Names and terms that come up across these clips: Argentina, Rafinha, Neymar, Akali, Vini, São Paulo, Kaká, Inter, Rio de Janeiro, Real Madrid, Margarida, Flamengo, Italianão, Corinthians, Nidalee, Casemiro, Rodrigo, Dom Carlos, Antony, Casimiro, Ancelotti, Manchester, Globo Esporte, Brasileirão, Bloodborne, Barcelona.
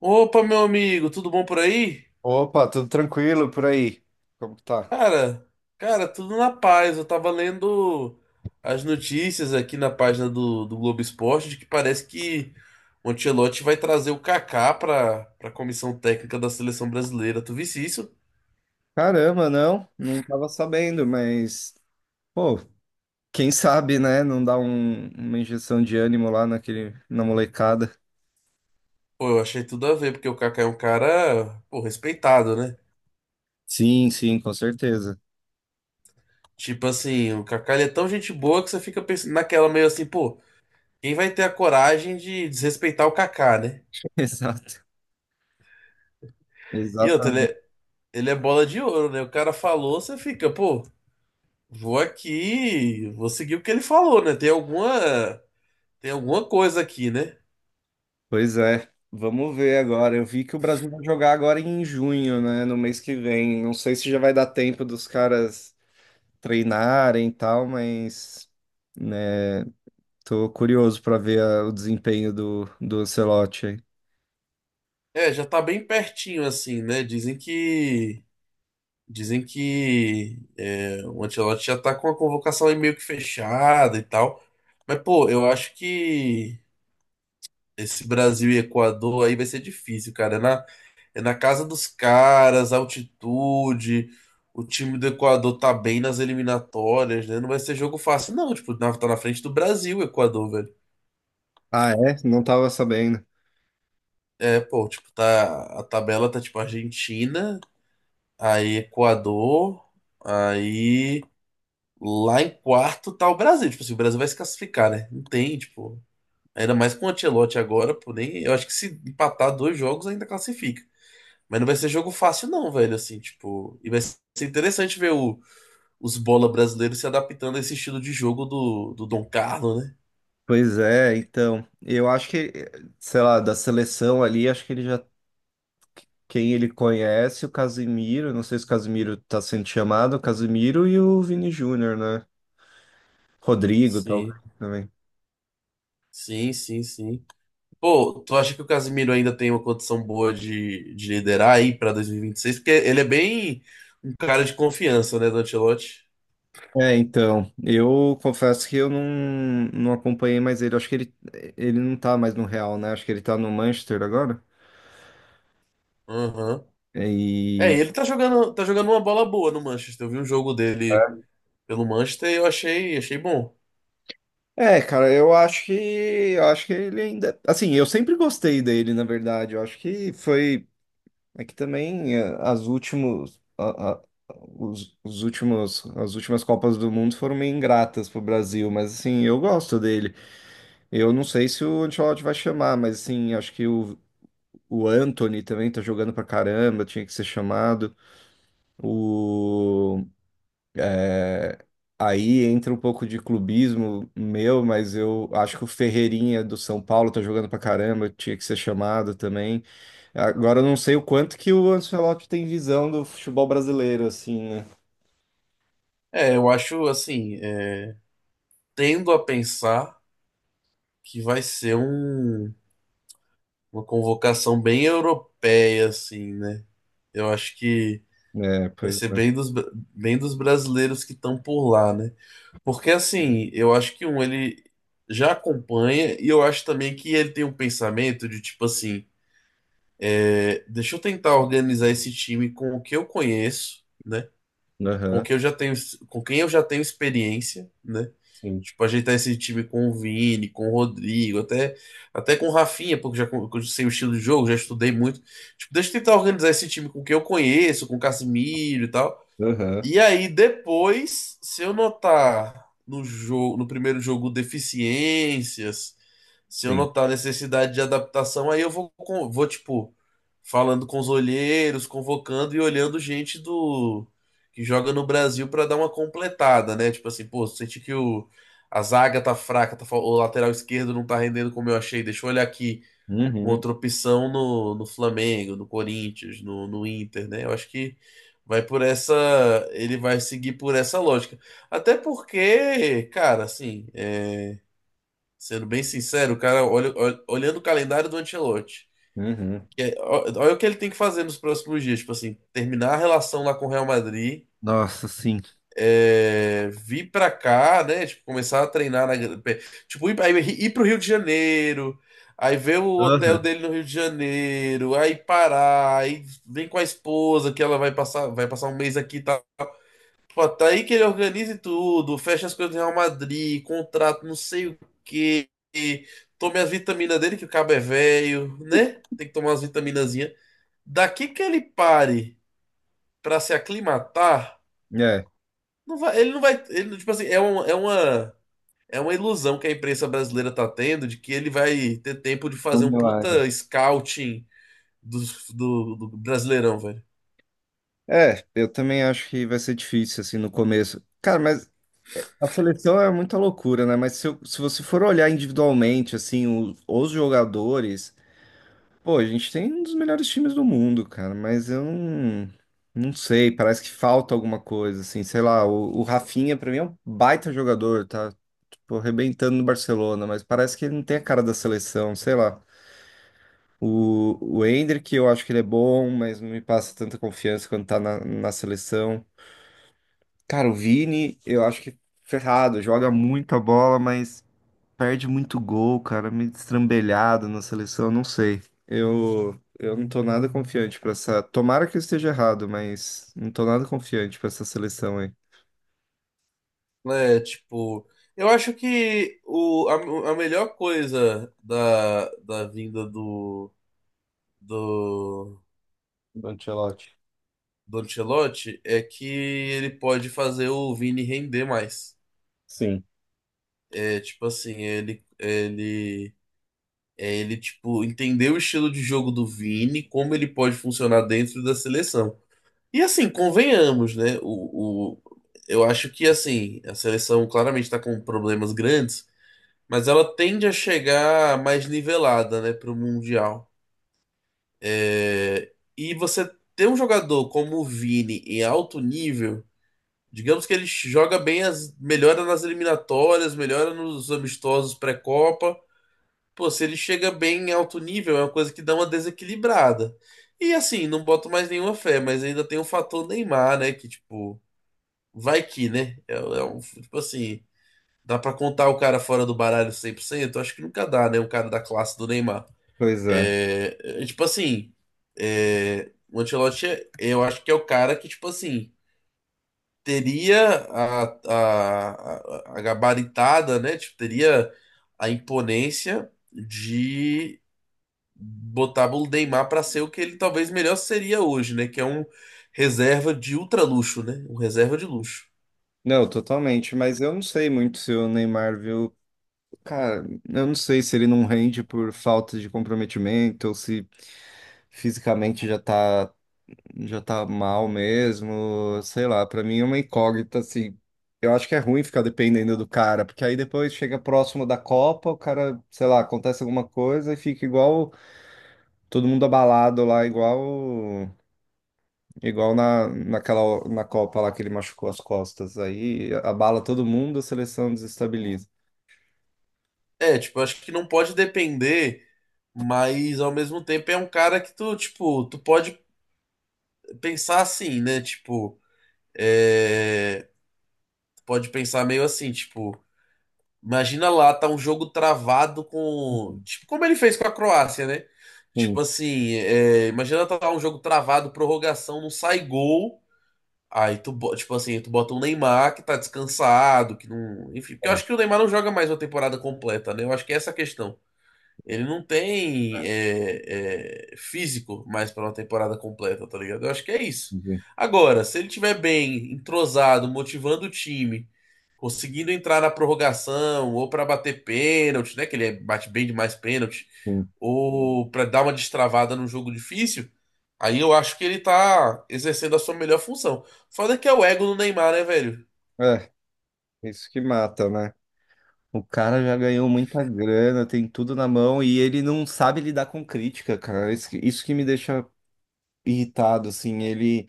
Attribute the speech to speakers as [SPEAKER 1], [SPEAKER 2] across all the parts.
[SPEAKER 1] Opa, meu amigo, tudo bom por aí?
[SPEAKER 2] Opa, tudo tranquilo por aí? Como que tá?
[SPEAKER 1] Cara, cara, tudo na paz. Eu tava lendo as notícias aqui na página do Globo Esporte de que parece que o Ancelotti vai trazer o Kaká pra comissão técnica da seleção brasileira. Tu visse isso?
[SPEAKER 2] Caramba, não tava sabendo, mas, pô, quem sabe, né? Não dá uma injeção de ânimo lá na molecada.
[SPEAKER 1] Pô, eu achei tudo a ver, porque o Kaká é um cara, pô, respeitado, né?
[SPEAKER 2] Sim, sim, com certeza.
[SPEAKER 1] Tipo assim, o Kaká ele é tão gente boa que você fica pensando naquela meio assim, pô, quem vai ter a coragem de desrespeitar o Kaká, né?
[SPEAKER 2] Exato,
[SPEAKER 1] E outra, ele
[SPEAKER 2] exatamente.
[SPEAKER 1] é- Ele é bola de ouro, né? O cara falou, você fica, pô, vou aqui, vou seguir o que ele falou, né? Tem alguma coisa aqui, né?
[SPEAKER 2] Pois é, vamos ver agora. Eu vi que o Brasil vai jogar agora em junho, né? No mês que vem. Não sei se já vai dar tempo dos caras treinarem e tal, mas, né, tô curioso pra ver o desempenho do Ancelotti aí.
[SPEAKER 1] É, já tá bem pertinho assim, né? Dizem que é, o Ancelotti já tá com a convocação aí meio que fechada e tal. Mas, pô, eu acho que esse Brasil e Equador aí vai ser difícil, cara. Na É na casa dos caras, altitude. O time do Equador tá bem nas eliminatórias, né? Não vai ser jogo fácil, não. Tipo, tá na frente do Brasil, o Equador, velho.
[SPEAKER 2] Ah, é? Não tava sabendo.
[SPEAKER 1] É, pô, tipo, tá. A tabela tá tipo Argentina, aí Equador, aí lá em quarto tá o Brasil. Tipo assim, o Brasil vai se classificar, né? Não tem, tipo. Ainda mais com o Ancelotti agora, pô, nem. Eu acho que se empatar dois jogos ainda classifica. Mas não vai ser jogo fácil, não, velho. Assim, tipo. E vai ser interessante ver o os bola brasileiros se adaptando a esse estilo de jogo do Dom Carlos, né?
[SPEAKER 2] Pois é, então. Eu acho que, sei lá, da seleção ali, acho que ele já. Quem ele conhece, o Casimiro, não sei se o Casimiro tá sendo chamado, o Casimiro e o Vini Júnior, né? Rodrigo, tal,
[SPEAKER 1] Sim,
[SPEAKER 2] também.
[SPEAKER 1] sim, sim, sim. Pô, tu acha que o Casemiro ainda tem uma condição boa de liderar aí pra 2026? Porque ele é bem um cara de confiança, né, do Ancelotti?
[SPEAKER 2] É, então, eu confesso que eu não acompanhei mais ele. Acho que ele não tá mais no Real, né? Acho que ele tá no Manchester agora.
[SPEAKER 1] Aham. É,
[SPEAKER 2] E
[SPEAKER 1] e ele tá jogando uma bola boa no Manchester. Eu vi um jogo dele pelo Manchester e eu achei bom.
[SPEAKER 2] É, cara, eu acho que ele ainda, assim, eu sempre gostei dele, na verdade. Eu acho que foi é que também as últimos a- os últimos as últimas Copas do Mundo foram meio ingratas pro Brasil, mas assim, eu gosto dele. Eu não sei se o Ancelotti vai chamar, mas assim, acho que o Antony também tá jogando pra caramba, tinha que ser chamado. O Aí entra um pouco de clubismo meu, mas eu acho que o Ferreirinha do São Paulo tá jogando pra caramba, tinha que ser chamado também. Agora eu não sei o quanto que o Ancelotti tem visão do futebol brasileiro, assim, né?
[SPEAKER 1] É, eu acho assim, é, tendo a pensar que vai ser uma convocação bem europeia, assim, né? Eu acho que
[SPEAKER 2] É,
[SPEAKER 1] vai
[SPEAKER 2] pois
[SPEAKER 1] ser
[SPEAKER 2] é.
[SPEAKER 1] bem dos brasileiros que estão por lá, né? Porque, assim, eu acho que ele já acompanha e eu acho também que ele tem um pensamento de, tipo assim, é, deixa eu tentar organizar esse time com o que eu conheço, né? com
[SPEAKER 2] Aham,
[SPEAKER 1] quem eu já tenho, com quem eu já tenho experiência, né?
[SPEAKER 2] sim.
[SPEAKER 1] Tipo, ajeitar esse time com o Vini, com o Rodrigo, até com o Rafinha, porque já, eu sei o estilo de jogo, já estudei muito. Tipo, deixa eu tentar organizar esse time com quem eu conheço, com o Casimiro e tal.
[SPEAKER 2] Aham,
[SPEAKER 1] E aí depois, se eu notar no jogo, no primeiro jogo deficiências, se eu
[SPEAKER 2] sim.
[SPEAKER 1] notar necessidade de adaptação, aí eu vou tipo falando com os olheiros, convocando e olhando gente do que joga no Brasil para dar uma completada, né? Tipo assim, pô, senti que o a zaga tá fraca, o lateral esquerdo não tá rendendo como eu achei, deixa eu olhar aqui uma
[SPEAKER 2] Uhum,
[SPEAKER 1] outra opção no, Flamengo, no Corinthians, no Inter, né? Eu acho que vai por essa, ele vai seguir por essa lógica. Até porque, cara, assim, é, sendo bem sincero, o cara, olhando o calendário do Ancelotti,
[SPEAKER 2] uhum.
[SPEAKER 1] olha o que ele tem que fazer nos próximos dias, tipo assim, terminar a relação lá com o Real Madrid
[SPEAKER 2] Nossa, sim.
[SPEAKER 1] vir pra cá, né? Tipo, começar a treinar na, tipo, ir pro Rio de Janeiro, aí ver o hotel
[SPEAKER 2] Aham.
[SPEAKER 1] dele no Rio de Janeiro, aí parar, aí vem com a esposa que ela vai passar um mês aqui e tal. Pô, tá aí que ele organize tudo, fecha as coisas do Real Madrid, contrato, não sei o quê. Tome as vitaminas dele, que o cabo é velho, né? Tem que tomar as vitaminazinhas. Daqui que ele pare pra se aclimatar,
[SPEAKER 2] É.
[SPEAKER 1] não vai, ele não vai. Ele, tipo assim, é uma ilusão que a imprensa brasileira tá tendo de que ele vai ter tempo de
[SPEAKER 2] É um
[SPEAKER 1] fazer um
[SPEAKER 2] milagre.
[SPEAKER 1] puta scouting do Brasileirão, velho.
[SPEAKER 2] É, eu também acho que vai ser difícil, assim, no começo. Cara, mas a seleção é muita loucura, né? Mas se, se você for olhar individualmente, assim, os jogadores, pô, a gente tem um dos melhores times do mundo, cara, mas eu não sei, parece que falta alguma coisa, assim, sei lá, o Rafinha, pra mim, é um baita jogador, tá, tipo, arrebentando no Barcelona, mas parece que ele não tem a cara da seleção, sei lá. O Endrick, eu acho que ele é bom, mas não me passa tanta confiança quando tá na seleção. Cara, o Vini, eu acho que ferrado, joga muita bola, mas. Perde muito gol, cara, meio destrambelhado na seleção, não sei. Eu não tô nada confiante pra essa. Tomara que eu esteja errado, mas não tô nada confiante pra essa seleção aí.
[SPEAKER 1] Né? Tipo, eu acho que a melhor coisa da vinda do,
[SPEAKER 2] Do Ancelotti.
[SPEAKER 1] do Ancelotti é que ele pode fazer o Vini render mais.
[SPEAKER 2] Sim.
[SPEAKER 1] É, tipo assim, ele, tipo, entender o estilo de jogo do Vini, como ele pode funcionar dentro da seleção. E assim, convenhamos, né? Eu acho que, assim, a seleção claramente está com problemas grandes, mas ela tende a chegar mais nivelada, né, para o Mundial. É, e você ter um jogador como o Vini em alto nível, digamos que ele joga bem, melhora nas eliminatórias, melhora nos amistosos pré-Copa. Pô, se ele chega bem em alto nível, é uma coisa que dá uma desequilibrada. E assim, não boto mais nenhuma fé, mas ainda tem o fator Neymar, né? Que, tipo, vai que, né? É um, tipo assim, dá pra contar o cara fora do baralho 100%. Acho que nunca dá, né? Um cara da classe do Neymar.
[SPEAKER 2] Pois é.
[SPEAKER 1] É, tipo assim, é, o Ancelotti, eu acho que é o cara que, tipo assim, teria a gabaritada, né? Tipo, teria a imponência de botava o Neymar para ser o que ele talvez melhor seria hoje, né? Que é um reserva de ultra luxo, né? Um reserva de luxo.
[SPEAKER 2] Não, totalmente, mas eu não sei muito se o Neymar viu. Cara, eu não sei se ele não rende por falta de comprometimento ou se fisicamente já tá mal mesmo, sei lá, pra mim é uma incógnita, assim. Eu acho que é ruim ficar dependendo do cara, porque aí depois chega próximo da Copa, o cara, sei lá, acontece alguma coisa e fica igual todo mundo abalado lá, igual na, naquela na Copa lá que ele machucou as costas. Aí abala todo mundo, a seleção desestabiliza.
[SPEAKER 1] É, tipo, eu acho que não pode depender, mas ao mesmo tempo é um cara que tu, tipo, tu pode pensar assim, né? Tipo, é... tu pode pensar meio assim, tipo, imagina lá, tá um jogo travado com, tipo, como ele fez com a Croácia, né?
[SPEAKER 2] Sim,
[SPEAKER 1] Tipo assim, é, imagina tá um jogo travado, prorrogação, não sai gol. Aí tipo assim, tu bota um Neymar que tá descansado, que não. Enfim, porque eu
[SPEAKER 2] é,
[SPEAKER 1] acho que o Neymar não joga mais uma temporada completa, né? Eu acho que é essa a questão. Ele não tem físico mais pra uma temporada completa, tá ligado? Eu acho que é isso.
[SPEAKER 2] sim.
[SPEAKER 1] Agora, se ele tiver bem, entrosado, motivando o time conseguindo entrar na prorrogação ou para bater pênalti, né? Que ele bate bem demais pênalti,
[SPEAKER 2] Sim.
[SPEAKER 1] ou para dar uma destravada num jogo difícil. Aí eu acho que ele tá exercendo a sua melhor função. Foda que é o ego do Neymar, né, velho?
[SPEAKER 2] É, isso que mata, né? O cara já ganhou muita grana, tem tudo na mão e ele não sabe lidar com crítica, cara. Isso que me deixa irritado, assim. Ele,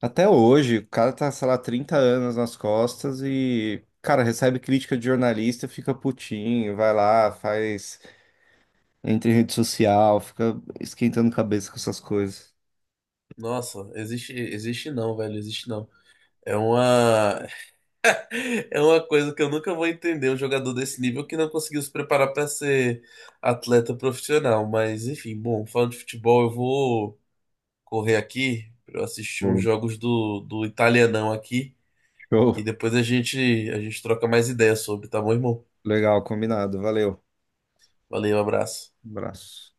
[SPEAKER 2] até hoje, o cara tá, sei lá, 30 anos nas costas e, cara, recebe crítica de jornalista, fica putinho, vai lá, faz, entra em rede social, fica esquentando cabeça com essas coisas.
[SPEAKER 1] Nossa, existe, existe não, velho, existe não. É uma, é uma coisa que eu nunca vou entender, um jogador desse nível que não conseguiu se preparar para ser atleta profissional. Mas, enfim, bom, falando de futebol, eu vou correr aqui pra eu assistir uns
[SPEAKER 2] Bom,
[SPEAKER 1] jogos do Italianão aqui e
[SPEAKER 2] show.
[SPEAKER 1] depois a gente troca mais ideias sobre, tá bom, irmão?
[SPEAKER 2] Legal, combinado. Valeu.
[SPEAKER 1] Valeu, abraço.
[SPEAKER 2] Abraço.